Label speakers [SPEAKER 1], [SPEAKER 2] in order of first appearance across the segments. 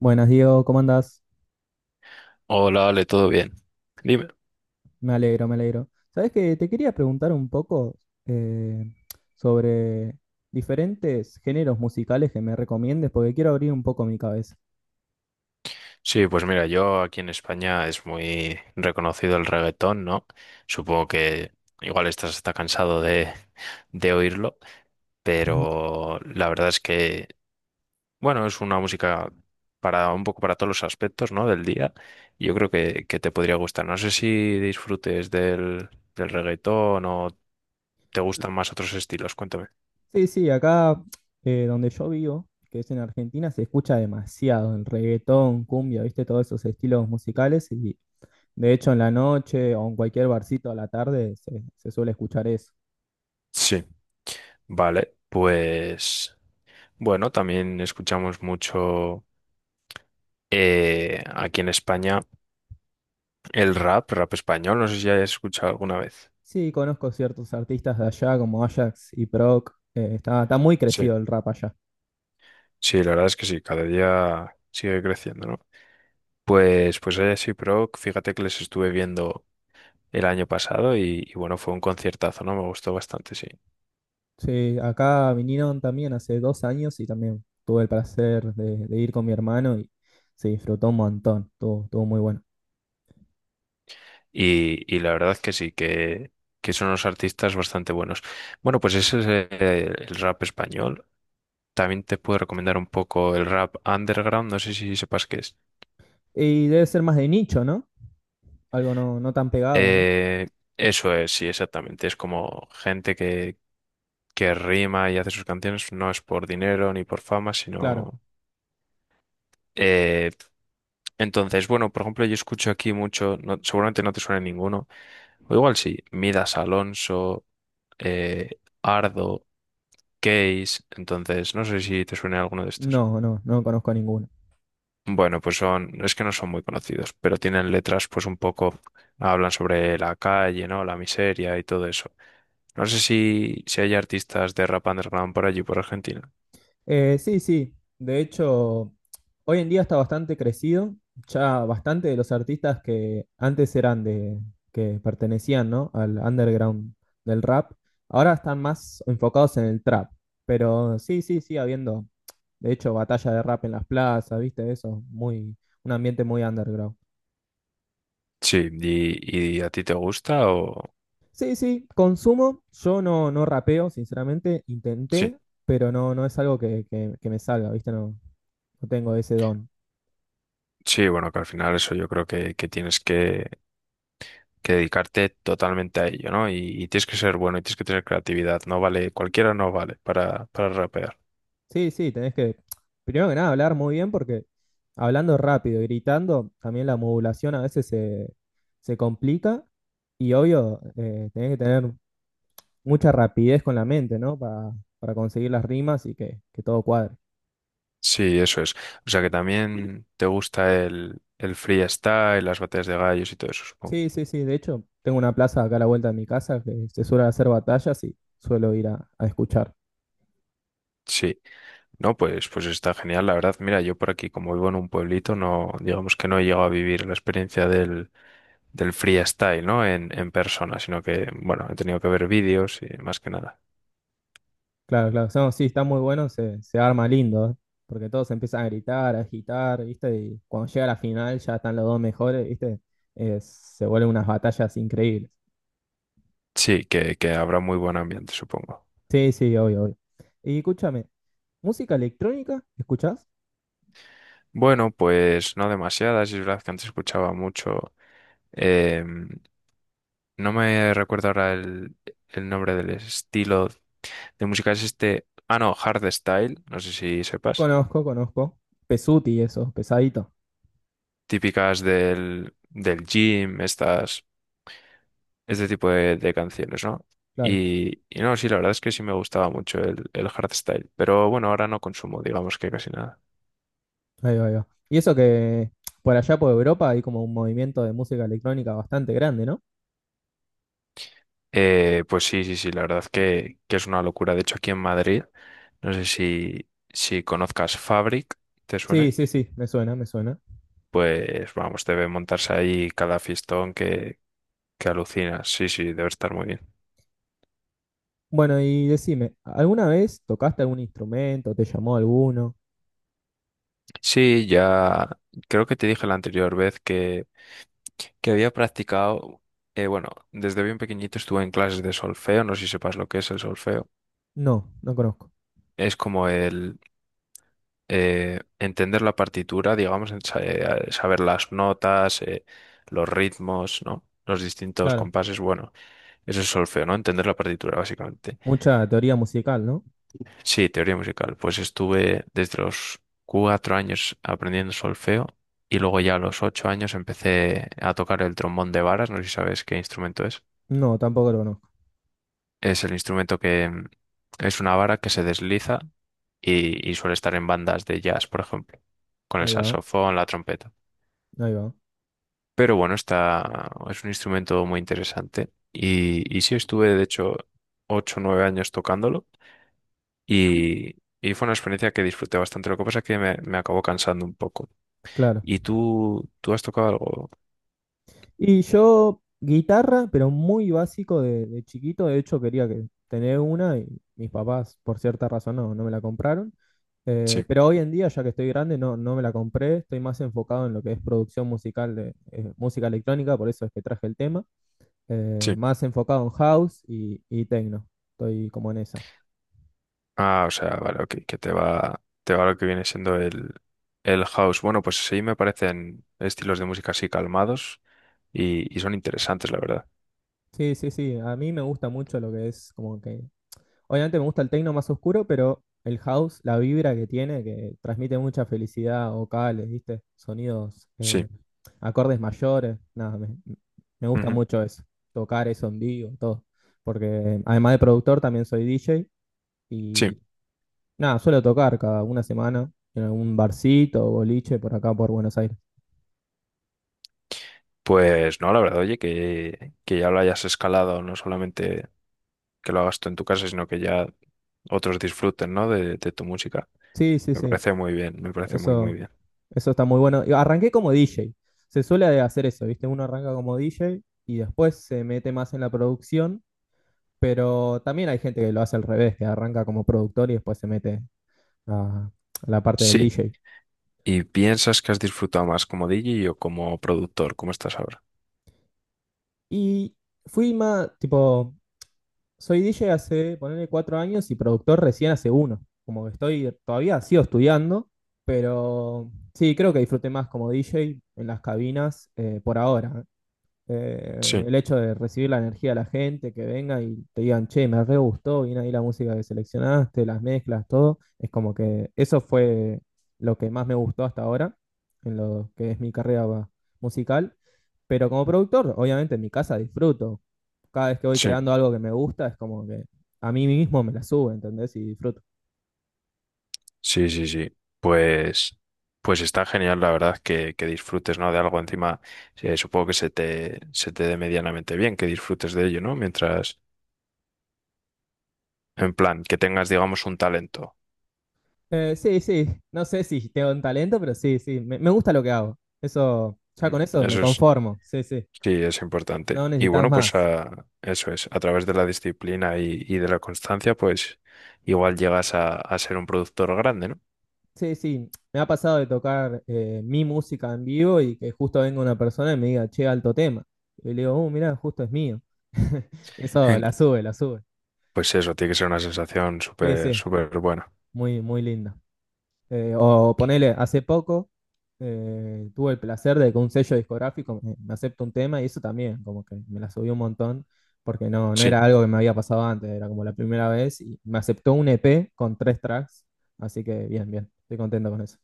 [SPEAKER 1] Buenas, Diego, ¿cómo andás?
[SPEAKER 2] Hola, Ale, ¿todo bien? Dime.
[SPEAKER 1] Me alegro, me alegro. Sabes que te quería preguntar un poco eh, sobre diferentes géneros musicales que me recomiendes, porque quiero abrir un poco mi cabeza.
[SPEAKER 2] Sí, pues mira, yo aquí en España es muy reconocido el reggaetón, ¿no? Supongo que igual estás hasta cansado de oírlo, pero la verdad es que, bueno, es una música para un poco para todos los aspectos, ¿no? del día. Yo creo que te podría gustar. No sé si disfrutes del reggaetón o te gustan más otros estilos, cuéntame.
[SPEAKER 1] Sí, sí, acá donde yo vivo, que es en Argentina, se escucha demasiado el reggaetón, cumbia, viste, todos esos estilos musicales, y de hecho en la noche o en cualquier barcito a la tarde se suele escuchar eso.
[SPEAKER 2] Sí. Vale, pues. Bueno, también escuchamos mucho aquí en España el rap español. No sé si hayas escuchado alguna vez.
[SPEAKER 1] Sí, conozco ciertos artistas de allá como Ajax y Proc. Está muy
[SPEAKER 2] Sí,
[SPEAKER 1] crecido el rap allá.
[SPEAKER 2] sí, la verdad es que sí, cada día sigue creciendo, ¿no? Pues, pues sí, pero fíjate que les estuve viendo el año pasado y bueno, fue un conciertazo, ¿no? Me gustó bastante, sí.
[SPEAKER 1] Sí, acá vinieron también hace 2 años y también tuve el placer de ir con mi hermano y se disfrutó un montón, estuvo muy bueno.
[SPEAKER 2] Y la verdad que sí, que son unos artistas bastante buenos. Bueno, pues ese es el rap español. También te puedo recomendar un poco el rap underground, no sé si sepas qué es.
[SPEAKER 1] Y debe ser más de nicho, ¿no? Algo no tan pegado, ¿no?
[SPEAKER 2] Eh, eso es, sí, exactamente. Es como gente que rima y hace sus canciones, no es por dinero ni por fama,
[SPEAKER 1] Claro,
[SPEAKER 2] sino... eh, entonces, bueno, por ejemplo, yo escucho aquí mucho, no- seguramente no te suena ninguno, o igual sí, Midas Alonso, Ardo, Case, entonces no sé si te suena alguno de estos.
[SPEAKER 1] no, no, no conozco ninguno.
[SPEAKER 2] Bueno, pues son, es que no son muy conocidos, pero tienen letras pues un poco, hablan sobre la calle, ¿no? La miseria y todo eso. No sé si, si hay artistas de rap underground por allí, por Argentina.
[SPEAKER 1] Sí, sí. De hecho, hoy en día está bastante crecido. Ya bastante de los artistas que antes eran que pertenecían, ¿no? al underground del rap, ahora están más enfocados en el trap. Pero sí, sí, sí, habiendo, de hecho, batalla de rap en las plazas, ¿viste? Eso, un ambiente muy underground.
[SPEAKER 2] Sí, y a ti te gusta o...
[SPEAKER 1] Sí, sí, consumo. Yo no rapeo, sinceramente.
[SPEAKER 2] Sí,
[SPEAKER 1] Intenté, pero no, no es algo que me salga, ¿viste? No, no tengo ese don.
[SPEAKER 2] sí, bueno, que al final eso yo creo que tienes que dedicarte totalmente a ello, ¿no? Y tienes que ser bueno y tienes que tener creatividad, no vale, cualquiera no vale para rapear.
[SPEAKER 1] Sí, sí, tenés que, primero que nada, hablar muy bien porque hablando rápido, y gritando, también la modulación a veces se complica y obvio, tenés que tener mucha rapidez con la mente, ¿no? Para conseguir las rimas y que todo cuadre.
[SPEAKER 2] Sí, eso es. O sea que también te gusta el freestyle, las batallas de gallos y todo eso, supongo.
[SPEAKER 1] Sí, sí, sí, de hecho, tengo una plaza acá a la vuelta de mi casa que se suele hacer batallas y suelo ir a escuchar.
[SPEAKER 2] Sí, no, pues, pues está genial, la verdad. Mira, yo por aquí, como vivo en un pueblito, no, digamos que no he llegado a vivir la experiencia del freestyle, ¿no? En persona, sino que, bueno, he tenido que ver vídeos y más que nada.
[SPEAKER 1] Claro, claro. No, sí, está muy bueno, se arma lindo, ¿eh? Porque todos empiezan a gritar, a agitar, ¿viste? Y cuando llega la final ya están los dos mejores, ¿viste? Se vuelven unas batallas increíbles.
[SPEAKER 2] Sí, que habrá muy buen ambiente, supongo.
[SPEAKER 1] Sí, sí, obvio, obvio. Y escúchame, ¿música electrónica? ¿Escuchás?
[SPEAKER 2] Bueno, pues no demasiadas, es verdad que antes escuchaba mucho. Eh, no me recuerdo ahora el nombre del estilo de música. Es este. Ah, no, hardstyle. No sé si sepas.
[SPEAKER 1] Conozco, conozco. Pesuti, eso, pesadito.
[SPEAKER 2] Típicas del, del gym, estas, este tipo de canciones, ¿no?
[SPEAKER 1] Claro,
[SPEAKER 2] Y no, sí, la verdad es que sí me gustaba mucho el hardstyle. Pero bueno, ahora no consumo, digamos que casi nada.
[SPEAKER 1] ahí va, ahí va. Y eso que por allá por Europa hay como un movimiento de música electrónica bastante grande, ¿no?
[SPEAKER 2] Pues sí, sí, sí, la verdad que es una locura. De hecho, aquí en Madrid, no sé si, si conozcas Fabric, ¿te
[SPEAKER 1] Sí,
[SPEAKER 2] suene?
[SPEAKER 1] sí, sí, me suena, me suena.
[SPEAKER 2] Pues vamos, debe montarse ahí cada fiestón que alucinas. Sí, sí, debe estar muy bien.
[SPEAKER 1] Bueno, y decime, ¿alguna vez tocaste algún instrumento? ¿Te llamó alguno?
[SPEAKER 2] Sí, ya creo que te dije la anterior vez que había practicado, bueno, desde bien pequeñito estuve en clases de solfeo, no sé si sepas lo que es el solfeo.
[SPEAKER 1] No, no conozco.
[SPEAKER 2] Es como el entender la partitura, digamos, en sa- saber las notas, los ritmos, ¿no? Los distintos
[SPEAKER 1] Claro.
[SPEAKER 2] compases, bueno, eso es solfeo, ¿no? Entender la partitura, básicamente.
[SPEAKER 1] Mucha teoría musical, ¿no?
[SPEAKER 2] Sí, teoría musical. Pues estuve desde los cuatro años aprendiendo solfeo y luego ya a los ocho años empecé a tocar el trombón de varas. No sé si sabes qué instrumento es.
[SPEAKER 1] No, tampoco lo conozco.
[SPEAKER 2] Es el instrumento que es una vara que se desliza y suele estar en bandas de jazz, por ejemplo, con el
[SPEAKER 1] Ahí va,
[SPEAKER 2] saxofón, la trompeta.
[SPEAKER 1] ahí va.
[SPEAKER 2] Pero bueno, está, es un instrumento muy interesante y sí estuve, de hecho, ocho o nueve años tocándolo. Y fue una experiencia que disfruté bastante. Lo que pasa es que me acabó cansando un poco.
[SPEAKER 1] Claro.
[SPEAKER 2] ¿Y tú has tocado algo?
[SPEAKER 1] Y yo, guitarra, pero muy básico de chiquito. De hecho, quería que tener una y mis papás, por cierta razón, no me la compraron.
[SPEAKER 2] Sí,
[SPEAKER 1] Pero hoy en día, ya que estoy grande, no me la compré. Estoy más enfocado en lo que es producción musical de música electrónica, por eso es que traje el tema.
[SPEAKER 2] sí.
[SPEAKER 1] Más enfocado en house y techno. Estoy como en esa.
[SPEAKER 2] Ah, o sea, vale, ok, que te va lo que viene siendo el house. Bueno, pues sí, me parecen estilos de música así calmados y son interesantes, la verdad.
[SPEAKER 1] Sí, sí, sí. A mí me gusta mucho lo que es como que. Obviamente me gusta el techno más oscuro, pero el house, la vibra que tiene, que transmite mucha felicidad, vocales, ¿viste? Sonidos,
[SPEAKER 2] Sí,
[SPEAKER 1] acordes mayores. Nada, me gusta
[SPEAKER 2] ujú,
[SPEAKER 1] mucho eso. Tocar eso en vivo, todo. Porque además de productor, también soy DJ
[SPEAKER 2] sí.
[SPEAKER 1] y nada, suelo tocar cada una semana en algún barcito o boliche por acá por Buenos Aires.
[SPEAKER 2] Pues no, la verdad, oye, que ya lo hayas escalado, no solamente que lo hagas tú en tu casa, sino que ya otros disfruten, ¿no? De tu música.
[SPEAKER 1] Sí, sí,
[SPEAKER 2] Me
[SPEAKER 1] sí.
[SPEAKER 2] parece muy bien, me parece muy, muy
[SPEAKER 1] Eso,
[SPEAKER 2] bien.
[SPEAKER 1] eso está muy bueno. Y arranqué como DJ. Se suele hacer eso, ¿viste? Uno arranca como DJ y después se mete más en la producción, pero también hay gente que lo hace al revés, que arranca como productor y después se mete a, a la parte del
[SPEAKER 2] Sí.
[SPEAKER 1] DJ.
[SPEAKER 2] ¿Y piensas que has disfrutado más como DJ o como productor? ¿Cómo estás ahora?
[SPEAKER 1] Y fui más, tipo, soy DJ hace, ponerle 4 años y productor recién hace uno. Como que estoy, todavía sigo estudiando, pero sí, creo que disfruté más como DJ en las cabinas por ahora.
[SPEAKER 2] Sí,
[SPEAKER 1] El hecho de recibir la energía de la gente, que venga y te digan, che, me re gustó, viene ahí la música que seleccionaste, las mezclas, todo. Es como que eso fue lo que más me gustó hasta ahora, en lo que es mi carrera musical. Pero como productor, obviamente en mi casa disfruto. Cada vez que voy
[SPEAKER 2] sí,
[SPEAKER 1] creando algo que me gusta, es como que a mí mismo me la subo, ¿entendés? Y disfruto.
[SPEAKER 2] sí, sí, sí. Pues, pues está genial, la verdad, que disfrutes, ¿no? De algo encima, supongo que se te dé medianamente bien, que disfrutes de ello, ¿no? Mientras, en plan, que tengas, digamos, un talento.
[SPEAKER 1] Sí, sí, no sé si tengo un talento, pero sí, sí, me gusta lo que hago. Eso, ya
[SPEAKER 2] Mm,
[SPEAKER 1] con eso me
[SPEAKER 2] eso es,
[SPEAKER 1] conformo, sí, sí.
[SPEAKER 2] sí, es importante.
[SPEAKER 1] No
[SPEAKER 2] Y
[SPEAKER 1] necesitas
[SPEAKER 2] bueno, pues
[SPEAKER 1] más.
[SPEAKER 2] a- eso es, a través de la disciplina y de la constancia, pues igual llegas a ser un productor grande, ¿no?
[SPEAKER 1] Sí, sí, me ha pasado de tocar mi música en vivo y que justo venga una persona y me diga, che, alto tema. Y le digo, mirá, justo es mío. Eso la sube, la sube.
[SPEAKER 2] Pues eso, tiene que ser una sensación
[SPEAKER 1] Sí,
[SPEAKER 2] súper,
[SPEAKER 1] sí,
[SPEAKER 2] súper buena.
[SPEAKER 1] muy, muy linda. O ponele, hace poco tuve el placer de que un sello discográfico me acepte un tema y eso también, como que me la subió un montón, porque no
[SPEAKER 2] Sí,
[SPEAKER 1] era algo que me había pasado antes, era como la primera vez y me aceptó un EP con tres tracks, así que bien, bien, estoy contento con eso.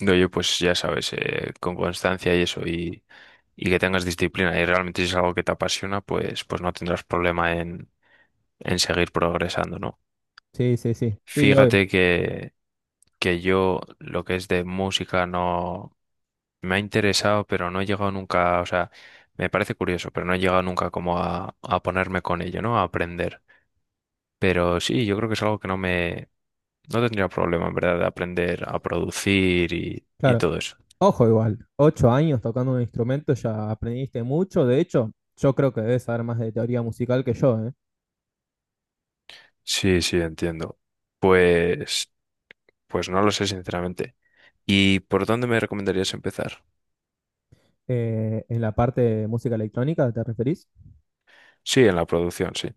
[SPEAKER 2] no, yo pues ya sabes, con constancia y eso, y que tengas disciplina, y realmente si es algo que te apasiona, pues, pues no tendrás problema en seguir progresando, ¿no?
[SPEAKER 1] Sí, sí, sí, sí, obvio.
[SPEAKER 2] Fíjate que yo lo que es de música no me ha interesado, pero no he llegado nunca, o sea, me parece curioso, pero no he llegado nunca como a ponerme con ello, ¿no? A aprender. Pero sí, yo creo que es algo que no me no tendría problema, en verdad, de aprender a producir y
[SPEAKER 1] Claro.
[SPEAKER 2] todo eso.
[SPEAKER 1] Ojo igual, 8 años tocando un instrumento, ya aprendiste mucho. De hecho, yo creo que debes saber más de teoría musical que yo, ¿eh?
[SPEAKER 2] Sí, sí, entiendo. Pues, pues no lo sé, sinceramente. ¿Y por dónde me recomendarías empezar?
[SPEAKER 1] En la parte de música electrónica, ¿te referís?
[SPEAKER 2] Sí, en la producción, sí.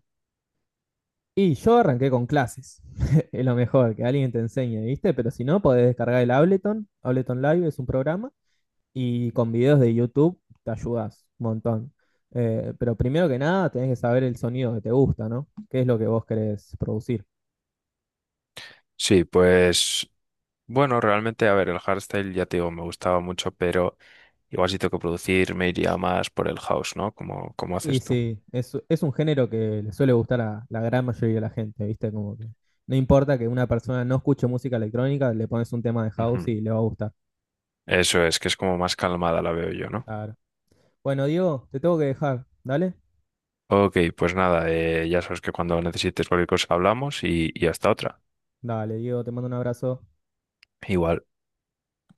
[SPEAKER 1] Y yo arranqué con clases. Es lo mejor, que alguien te enseñe, ¿viste? Pero si no, podés descargar el Ableton. Ableton Live es un programa y con videos de YouTube te ayudas un montón. Pero primero que nada, tenés que saber el sonido que te gusta, ¿no? ¿Qué es lo que vos querés producir?
[SPEAKER 2] Sí, pues, bueno, realmente, a ver, el hardstyle ya te digo, me gustaba mucho, pero igual si tengo que producir, me iría más por el house, ¿no? Como, como
[SPEAKER 1] Y
[SPEAKER 2] haces tú.
[SPEAKER 1] sí, es un género que le suele gustar a la gran mayoría de la gente, ¿viste? Como que no importa que una persona no escuche música electrónica, le pones un tema de house
[SPEAKER 2] Ujú.
[SPEAKER 1] y le va a gustar.
[SPEAKER 2] Eso es, que es como más calmada la veo yo, ¿no?
[SPEAKER 1] Claro. Bueno, Diego, te tengo que dejar, ¿dale?
[SPEAKER 2] Ok, pues nada, ya sabes que cuando necesites cualquier cosa hablamos y hasta otra.
[SPEAKER 1] Dale, Diego, te mando un abrazo.
[SPEAKER 2] Igual.